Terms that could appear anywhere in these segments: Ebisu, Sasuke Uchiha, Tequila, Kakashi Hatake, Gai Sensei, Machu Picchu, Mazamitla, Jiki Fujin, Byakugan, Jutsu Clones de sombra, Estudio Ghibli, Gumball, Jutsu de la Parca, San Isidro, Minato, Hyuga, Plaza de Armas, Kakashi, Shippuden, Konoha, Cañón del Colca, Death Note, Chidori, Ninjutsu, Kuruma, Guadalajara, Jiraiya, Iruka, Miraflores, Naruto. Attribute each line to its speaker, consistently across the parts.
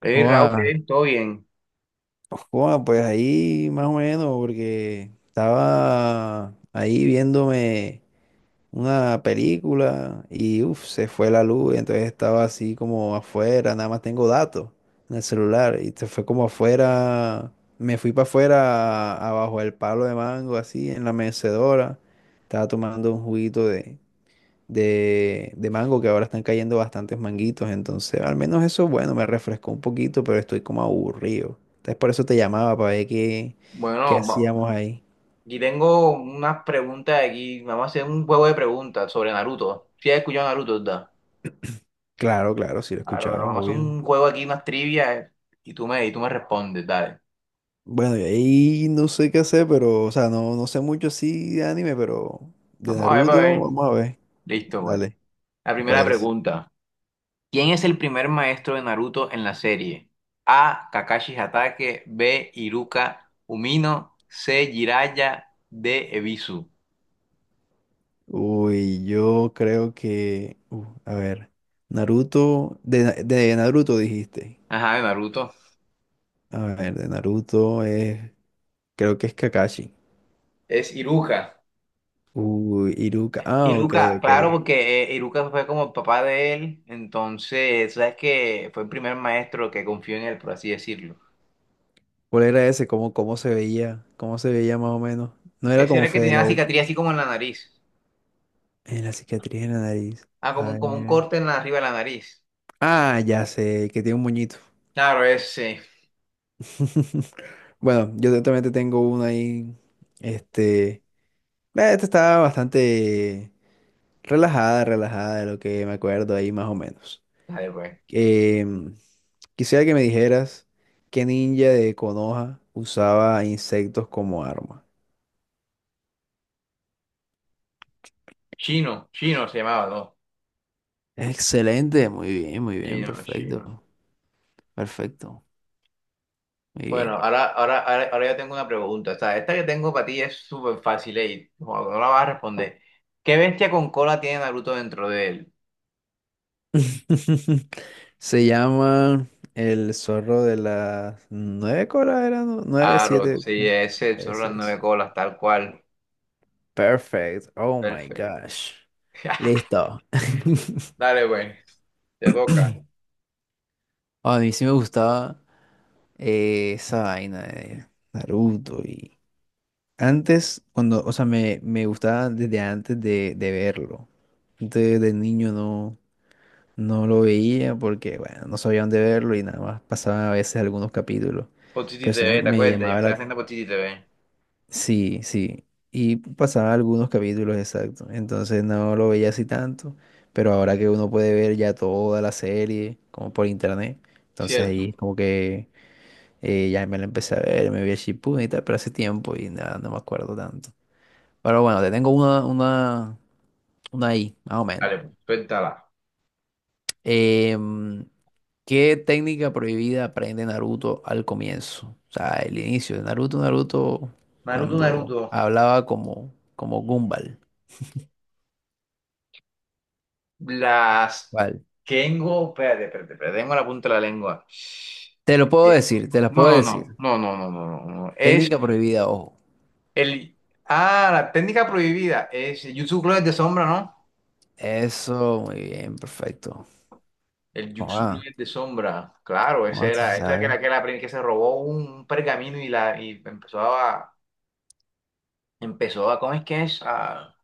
Speaker 1: Hey Raúl,
Speaker 2: Joda,
Speaker 1: ¿qué? ¿Todo bien?
Speaker 2: Joda, pues ahí más o menos, porque estaba ahí viéndome una película y se fue la luz, entonces estaba así como afuera, nada más tengo datos en el celular y se fue como afuera, me fui para afuera, abajo del palo de mango, así en la mecedora, estaba tomando un juguito de mango, que ahora están cayendo bastantes manguitos. Entonces, al menos eso, bueno, me refrescó un poquito, pero estoy como aburrido. Entonces, por eso te llamaba para ver qué, qué
Speaker 1: Bueno,
Speaker 2: hacíamos ahí.
Speaker 1: aquí tengo unas preguntas aquí. Vamos a hacer un juego de preguntas sobre Naruto. Si has escuchado Naruto, ¿verdad?
Speaker 2: Claro, claro, sí lo he
Speaker 1: Claro,
Speaker 2: escuchado,
Speaker 1: pero vamos a hacer
Speaker 2: obvio.
Speaker 1: un juego aquí, unas trivias, y y tú me respondes, dale.
Speaker 2: Bueno, y ahí no sé qué hacer, pero, o sea, no sé mucho así de anime, pero de
Speaker 1: Vamos a ver, para
Speaker 2: Naruto,
Speaker 1: ver.
Speaker 2: vamos a ver.
Speaker 1: Listo, pues.
Speaker 2: Dale,
Speaker 1: La
Speaker 2: me
Speaker 1: primera
Speaker 2: parece.
Speaker 1: pregunta. ¿Quién es el primer maestro de Naruto en la serie? A. Kakashi Hatake. B. Iruka Umino. C. Jiraiya. D. Ebisu.
Speaker 2: Uy, yo creo que, a ver, de Naruto dijiste.
Speaker 1: Ajá, de Naruto.
Speaker 2: A ver, de Naruto es. Creo que es Kakashi.
Speaker 1: Es Iruka.
Speaker 2: Uy, Iruka. Ah, ok,
Speaker 1: Iruka,
Speaker 2: ok.
Speaker 1: claro, porque Iruka fue como el papá de él, entonces, sabes que fue el primer maestro que confió en él, por así decirlo.
Speaker 2: ¿Cuál era ese? ¿Cómo, cómo se veía? ¿Cómo se veía más o menos? No era
Speaker 1: Ese era
Speaker 2: como
Speaker 1: el que
Speaker 2: Fede
Speaker 1: tenía la
Speaker 2: Lobo.
Speaker 1: cicatriz así como en la nariz.
Speaker 2: En la cicatriz en la nariz.
Speaker 1: Ah,
Speaker 2: A
Speaker 1: como un
Speaker 2: ver.
Speaker 1: corte en la arriba de la nariz.
Speaker 2: Ah, ya sé, el que tiene un moñito.
Speaker 1: Claro, ese.
Speaker 2: Bueno, también te tengo una ahí. Este. eh, Esta estaba bastante relajada de lo que me acuerdo ahí más o menos.
Speaker 1: Dale, pues.
Speaker 2: Em, Quisiera que me dijeras qué ninja de Konoha usaba insectos como arma.
Speaker 1: Chino, Chino se llamaba, ¿no?
Speaker 2: Excelente, muy bien,
Speaker 1: Chino,
Speaker 2: perfecto,
Speaker 1: Chino.
Speaker 2: perfecto, muy
Speaker 1: Bueno,
Speaker 2: bien.
Speaker 1: ahora yo tengo una pregunta. O sea, esta que tengo para ti es súper fácil y no la vas a responder. ¿Qué bestia con cola tiene Naruto dentro de él?
Speaker 2: Se llama el zorro de las nueve colas, era. ¿No? Nueve,
Speaker 1: Claro,
Speaker 2: siete.
Speaker 1: sí, ese, son las
Speaker 2: Ese
Speaker 1: nueve
Speaker 2: es.
Speaker 1: colas, tal cual.
Speaker 2: Perfect. Oh my
Speaker 1: Perfecto.
Speaker 2: gosh. Listo.
Speaker 1: Dale, güey. Te toca.
Speaker 2: A mí sí me gustaba esa vaina de Naruto y antes, cuando, o sea, me gustaba desde antes de verlo. Desde, de niño no. No lo veía porque, bueno, no sabía dónde verlo y nada más pasaba a veces algunos capítulos.
Speaker 1: Por City
Speaker 2: Pero sí me,
Speaker 1: TV, ¿te
Speaker 2: me
Speaker 1: acuerdas? Yo
Speaker 2: llamaba
Speaker 1: estaba
Speaker 2: la...
Speaker 1: haciendo por City TV.
Speaker 2: Sí, sí. Y pasaba algunos capítulos, exacto. Entonces no lo veía así tanto. Pero ahora que uno puede ver ya toda la serie, como por internet, entonces
Speaker 1: Cierto.
Speaker 2: ahí como que ya me la empecé a ver, me vi a Shippuden y tal, pero hace tiempo y nada, no me acuerdo tanto. Pero bueno, te tengo una ahí, más o menos.
Speaker 1: Dale, pues, suéltala.
Speaker 2: Em, ¿Qué técnica prohibida aprende Naruto al comienzo? O sea, el inicio de Naruto,
Speaker 1: Naruto,
Speaker 2: cuando
Speaker 1: Naruto.
Speaker 2: hablaba como, como Gumball.
Speaker 1: Las
Speaker 2: Vale.
Speaker 1: tengo. Espérate, espérate, espérate. Tengo la punta de la lengua.
Speaker 2: Te
Speaker 1: Eh,
Speaker 2: lo puedo decir, te las puedo
Speaker 1: No, no,
Speaker 2: decir.
Speaker 1: no, no, no, no, no, no, no. Es
Speaker 2: Técnica prohibida, ojo.
Speaker 1: el. Ah, la técnica prohibida. Es el Jutsu Clones de sombra, ¿no?
Speaker 2: Eso, muy bien, perfecto.
Speaker 1: El Jutsu
Speaker 2: Ah,
Speaker 1: Clones de sombra. Claro, ese
Speaker 2: ah, tú sí
Speaker 1: era. Esa era
Speaker 2: sabes.
Speaker 1: que se robó un pergamino y empezó a, empezó a, ¿cómo es que es?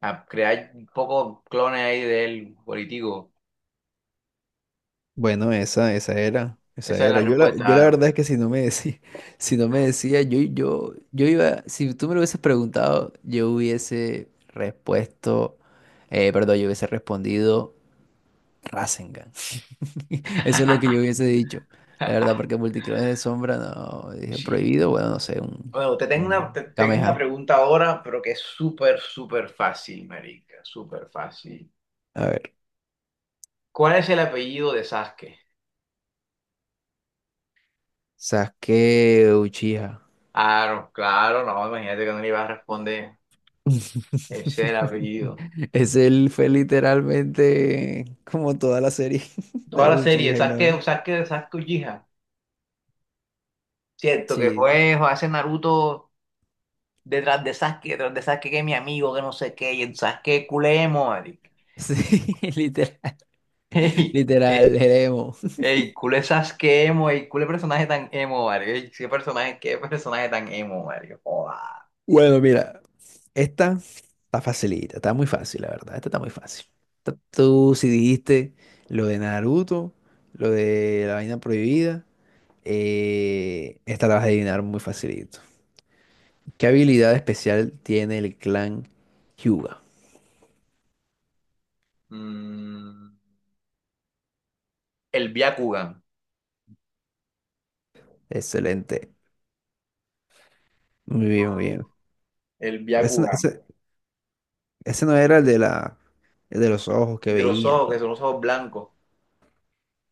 Speaker 1: A crear un poco clones ahí de él, político.
Speaker 2: Bueno, esa
Speaker 1: Esa es la
Speaker 2: era. Yo
Speaker 1: respuesta,
Speaker 2: la
Speaker 1: Aaron.
Speaker 2: verdad es que si no me decía, si no me decía, yo iba, si tú me lo hubieses preguntado, yo hubiese respuesto, perdón, yo hubiese respondido Rasengan. Eso es lo que yo hubiese dicho. La verdad, porque multiclones de sombra, no, dije
Speaker 1: Sí.
Speaker 2: prohibido, bueno, no sé, un.
Speaker 1: Bueno,
Speaker 2: Mm.
Speaker 1: te tengo
Speaker 2: Kameha.
Speaker 1: una pregunta ahora, pero que es súper fácil, marica, súper fácil.
Speaker 2: A ver,
Speaker 1: ¿Cuál es el apellido de Sasuke?
Speaker 2: Sasuke Uchiha.
Speaker 1: Claro, claro, no, imagínate que no le iba a responder. Ese es el apellido.
Speaker 2: Es. Él fue literalmente como toda la serie de
Speaker 1: Toda
Speaker 2: los
Speaker 1: la serie,
Speaker 2: Uchiha y la vaina.
Speaker 1: Sasuke Uchiha. Cierto, que
Speaker 2: Sí,
Speaker 1: fue hace Naruto detrás de Sasuke que es mi amigo, que no sé qué, y el Sasuke culé emo, marica.
Speaker 2: sí, literal,
Speaker 1: Ey,
Speaker 2: literal,
Speaker 1: es-
Speaker 2: el emo.
Speaker 1: ey, culé Sasuke emo, ey, culé personaje tan emo, marica. Ey, qué personaje tan emo, marica. Joda.
Speaker 2: Bueno, mira, esta está facilita, está muy fácil, la verdad. Esta está muy fácil. Esta- Tú si dijiste lo de Naruto, lo de la vaina prohibida, esta la vas a adivinar muy facilito. ¿Qué habilidad especial tiene el clan Hyuga?
Speaker 1: Mm, el Byakugan,
Speaker 2: Excelente. Muy bien, muy bien.
Speaker 1: el
Speaker 2: Ese, no
Speaker 1: Byakugan,
Speaker 2: ese- ese no era el de la, el de los ojos que
Speaker 1: el de los
Speaker 2: veían.
Speaker 1: ojos, que
Speaker 2: Tal.
Speaker 1: son los ojos blancos.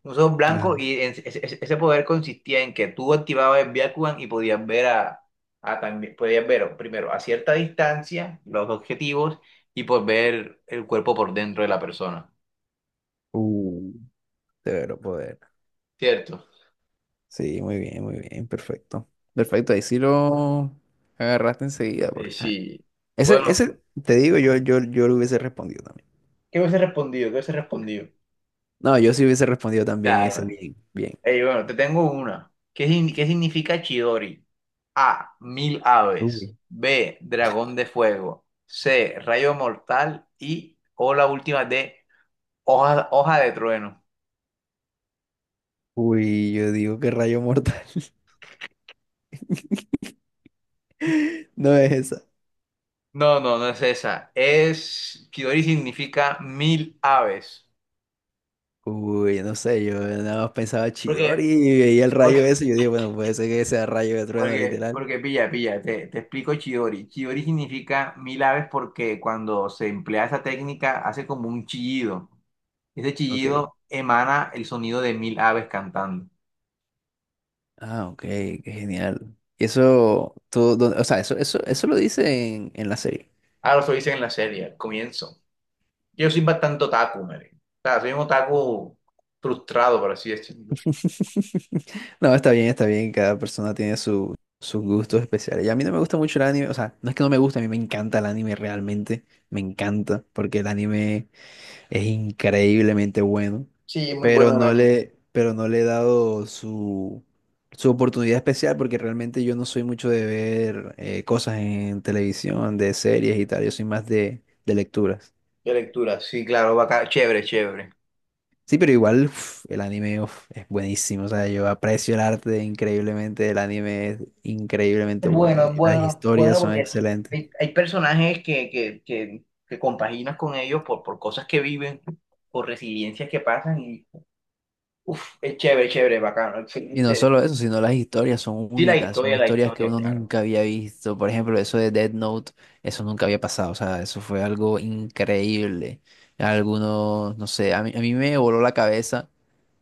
Speaker 1: Los ojos
Speaker 2: Ajá.
Speaker 1: blancos ese, ese poder consistía en que tú activabas el Byakugan y podías ver a también, podías ver primero a cierta distancia los objetivos y pues ver el cuerpo por dentro de la persona.
Speaker 2: Uh, severo poder.
Speaker 1: ¿Cierto?
Speaker 2: Sí, muy bien, perfecto. Perfecto, ahí sí lo agarraste enseguida, porque ajá.
Speaker 1: Sí. Bueno,
Speaker 2: Te digo, yo lo hubiese respondido también.
Speaker 1: ¿qué hubiese respondido? ¿Qué hubiese respondido?
Speaker 2: No, yo sí hubiese respondido también ese
Speaker 1: Claro.
Speaker 2: bien, bien.
Speaker 1: Ey, bueno, te tengo una. ¿Qué, sin- ¿qué significa Chidori? A. Mil aves.
Speaker 2: Uy.
Speaker 1: B. Dragón de fuego. C. Rayo mortal. Y o la última D. Hoja de trueno.
Speaker 2: Uy, yo digo que rayo mortal. No es esa.
Speaker 1: No, no, no es esa. Es, Kidori significa mil aves.
Speaker 2: Uy, no sé, yo nada más pensaba Chidori
Speaker 1: Porque,
Speaker 2: y veía el
Speaker 1: porque,
Speaker 2: rayo ese. Yo dije, bueno, puede ser que sea rayo de trueno, literal.
Speaker 1: porque, pilla, pilla, te explico Chidori. Chidori significa mil aves porque cuando se emplea esa técnica hace como un chillido. Ese
Speaker 2: Ok.
Speaker 1: chillido emana el sonido de mil aves cantando.
Speaker 2: Ah, ok, qué genial. Y eso, todo, o sea, eso lo dice en la serie.
Speaker 1: Ahora lo dicen en la serie, al comienzo. Yo soy bastante otaku, Mary. O sea, soy un otaku frustrado, por así decirlo.
Speaker 2: No, está bien, está bien. Cada persona tiene su, sus gustos especiales. Y a mí no me gusta mucho el anime. O sea, no es que no me guste, a mí me encanta el anime realmente. Me encanta, porque el anime es increíblemente bueno.
Speaker 1: Sí, muy
Speaker 2: Pero
Speaker 1: bueno el anime.
Speaker 2: pero no le he dado su, su oportunidad especial, porque realmente yo no soy mucho de ver cosas en televisión, de series y tal. Yo soy más de lecturas.
Speaker 1: De lectura, sí, claro, bacán, chévere, chévere.
Speaker 2: Sí, pero igual uf, el anime uf, es buenísimo. O sea, yo aprecio el arte increíblemente. El anime es increíblemente
Speaker 1: Es
Speaker 2: bueno.
Speaker 1: bueno, es
Speaker 2: Y las
Speaker 1: bueno, es bueno
Speaker 2: historias son
Speaker 1: porque
Speaker 2: excelentes.
Speaker 1: hay personajes que compaginas con ellos por cosas que viven, por residencias que pasan y uf, es chévere, chévere, bacano,
Speaker 2: Y no
Speaker 1: excelente.
Speaker 2: solo eso, sino las historias son
Speaker 1: Sí,
Speaker 2: únicas. Son
Speaker 1: la
Speaker 2: historias que
Speaker 1: historia,
Speaker 2: uno
Speaker 1: claro.
Speaker 2: nunca había visto. Por ejemplo, eso de Death Note, eso nunca había pasado. O sea, eso fue algo increíble. Algunos, no sé, a mí me voló la cabeza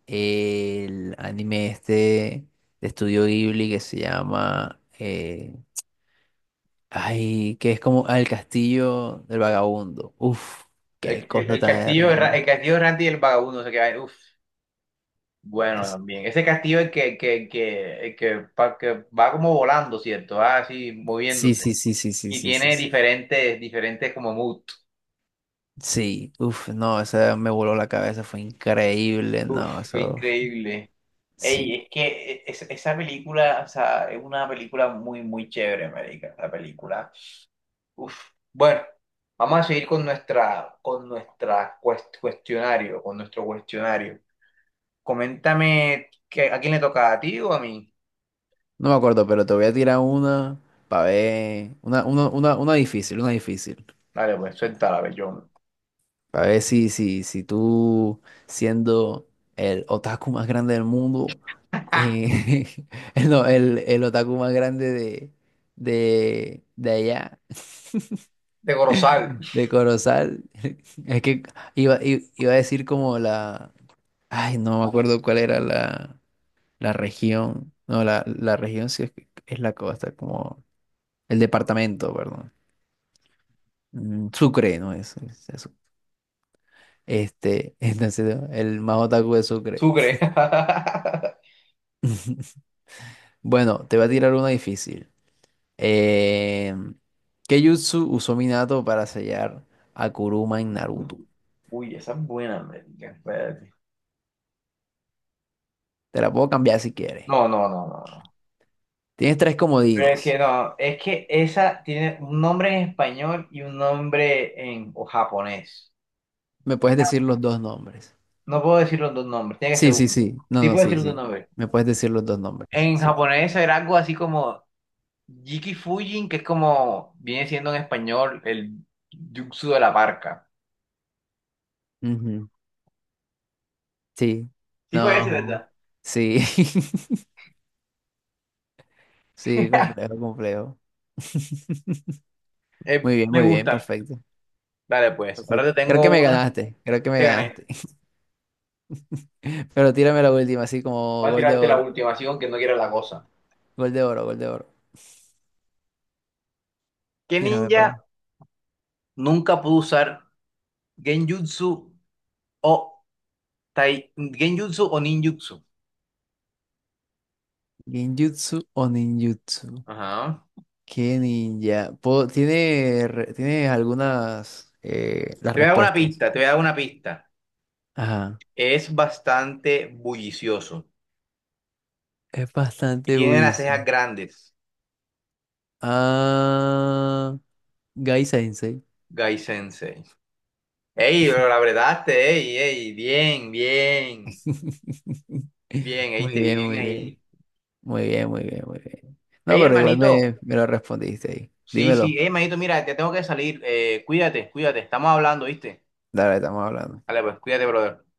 Speaker 2: el anime este de Estudio Ghibli que se llama ay, que es como ah, el castillo del vagabundo. Uf, qué cosa
Speaker 1: El
Speaker 2: tan
Speaker 1: castillo de
Speaker 2: hermosa.
Speaker 1: el castillo de Randy y el vagabundo se queda, uf, bueno
Speaker 2: Es...
Speaker 1: también. Ese castillo el el que, que va como volando, ¿cierto? Va así
Speaker 2: Sí,
Speaker 1: moviéndose.
Speaker 2: sí, sí, sí, sí,
Speaker 1: Y
Speaker 2: sí, sí.
Speaker 1: tiene
Speaker 2: Sí,
Speaker 1: diferentes, diferentes como moods.
Speaker 2: sí, uf, no, esa me voló la cabeza, fue increíble,
Speaker 1: Uf,
Speaker 2: no,
Speaker 1: fue
Speaker 2: eso,
Speaker 1: increíble. Ey,
Speaker 2: sí.
Speaker 1: es que e, es- esa película, o sea, es una película muy, muy chévere, marica, la película. Uf. Bueno, vamos a seguir con nuestra cuestionario, con nuestro cuestionario. Coméntame, que, ¿a quién le toca? ¿A ti o a mí?
Speaker 2: No me acuerdo, pero te voy a tirar una para ver, una difícil, una difícil.
Speaker 1: Dale, pues, suéltala, bellón.
Speaker 2: A ver si, si, si tú, siendo el otaku más grande del mundo, eh, el, no, el otaku más grande de allá,
Speaker 1: De Corozal,
Speaker 2: de Corozal, es que iba a decir como la, ay, no me acuerdo cuál era la, la región, no, la región sí es, que- es la costa, como el departamento, perdón. Mm, Sucre, no este, entonces, el más otaku de Sucre.
Speaker 1: Sucre.
Speaker 2: Bueno, te voy a tirar una difícil. Eh, ¿Qué jutsu usó Minato para sellar a Kuruma en Naruto?
Speaker 1: Uy, esa es buena, marica, espérate.
Speaker 2: Te la puedo cambiar si quieres.
Speaker 1: No, no, no, no, no.
Speaker 2: Tienes tres
Speaker 1: Pero es que
Speaker 2: comodines.
Speaker 1: no, es que esa tiene un nombre en español y un nombre en o japonés.
Speaker 2: Me puedes decir los dos nombres.
Speaker 1: No puedo decir los dos nombres, tiene que ser
Speaker 2: Sí, sí,
Speaker 1: uno.
Speaker 2: sí. No,
Speaker 1: Sí
Speaker 2: no,
Speaker 1: puedo decir
Speaker 2: sí,
Speaker 1: los dos
Speaker 2: sí.
Speaker 1: nombres.
Speaker 2: Me puedes decir los dos nombres.
Speaker 1: En
Speaker 2: Sí.
Speaker 1: japonés era algo así como Jiki Fujin, que es como viene siendo en español el Jutsu de la Parca.
Speaker 2: Ujú. Sí.
Speaker 1: Sí fue ese,
Speaker 2: No.
Speaker 1: ¿verdad?
Speaker 2: Sí. Sí, complejo, complejo.
Speaker 1: Me
Speaker 2: Muy bien,
Speaker 1: gusta.
Speaker 2: perfecto.
Speaker 1: Dale, pues. Ahora te
Speaker 2: Perfecto. Creo
Speaker 1: tengo
Speaker 2: que me
Speaker 1: una.
Speaker 2: ganaste, creo que me
Speaker 1: Te gané.
Speaker 2: ganaste. Pero tírame la última, así como
Speaker 1: Voy a
Speaker 2: gol de
Speaker 1: tirarte la
Speaker 2: oro,
Speaker 1: última, así que no quiera la cosa.
Speaker 2: gol de oro, gol de oro.
Speaker 1: ¿Qué
Speaker 2: Mira,
Speaker 1: ninja nunca pudo usar Genjutsu o Tai- Genjutsu o ninjutsu.
Speaker 2: ninjutsu o ninjutsu.
Speaker 1: Ajá.
Speaker 2: ¿Qué ninja? Tiene, tiene algunas las respuestas.
Speaker 1: Te voy a dar una pista.
Speaker 2: Ajá.
Speaker 1: Es bastante bullicioso
Speaker 2: Es
Speaker 1: y
Speaker 2: bastante
Speaker 1: tiene las cejas
Speaker 2: buenísimo.
Speaker 1: grandes,
Speaker 2: Ah, Gai Sensei.
Speaker 1: Gai Sensei. Ey, lo abretaste, ey, ey, bien, ey,
Speaker 2: Muy
Speaker 1: te vi
Speaker 2: bien,
Speaker 1: bien
Speaker 2: muy bien.
Speaker 1: ahí.
Speaker 2: Muy bien, muy bien, muy bien. No,
Speaker 1: Ey,
Speaker 2: pero igual
Speaker 1: hermanito,
Speaker 2: me lo respondiste ahí.
Speaker 1: sí, sí,
Speaker 2: Dímelo.
Speaker 1: ey, hermanito, mira, te tengo que salir, cuídate, cuídate, estamos hablando, ¿viste?
Speaker 2: Dale, estamos hablando.
Speaker 1: Dale, pues, cuídate, brother.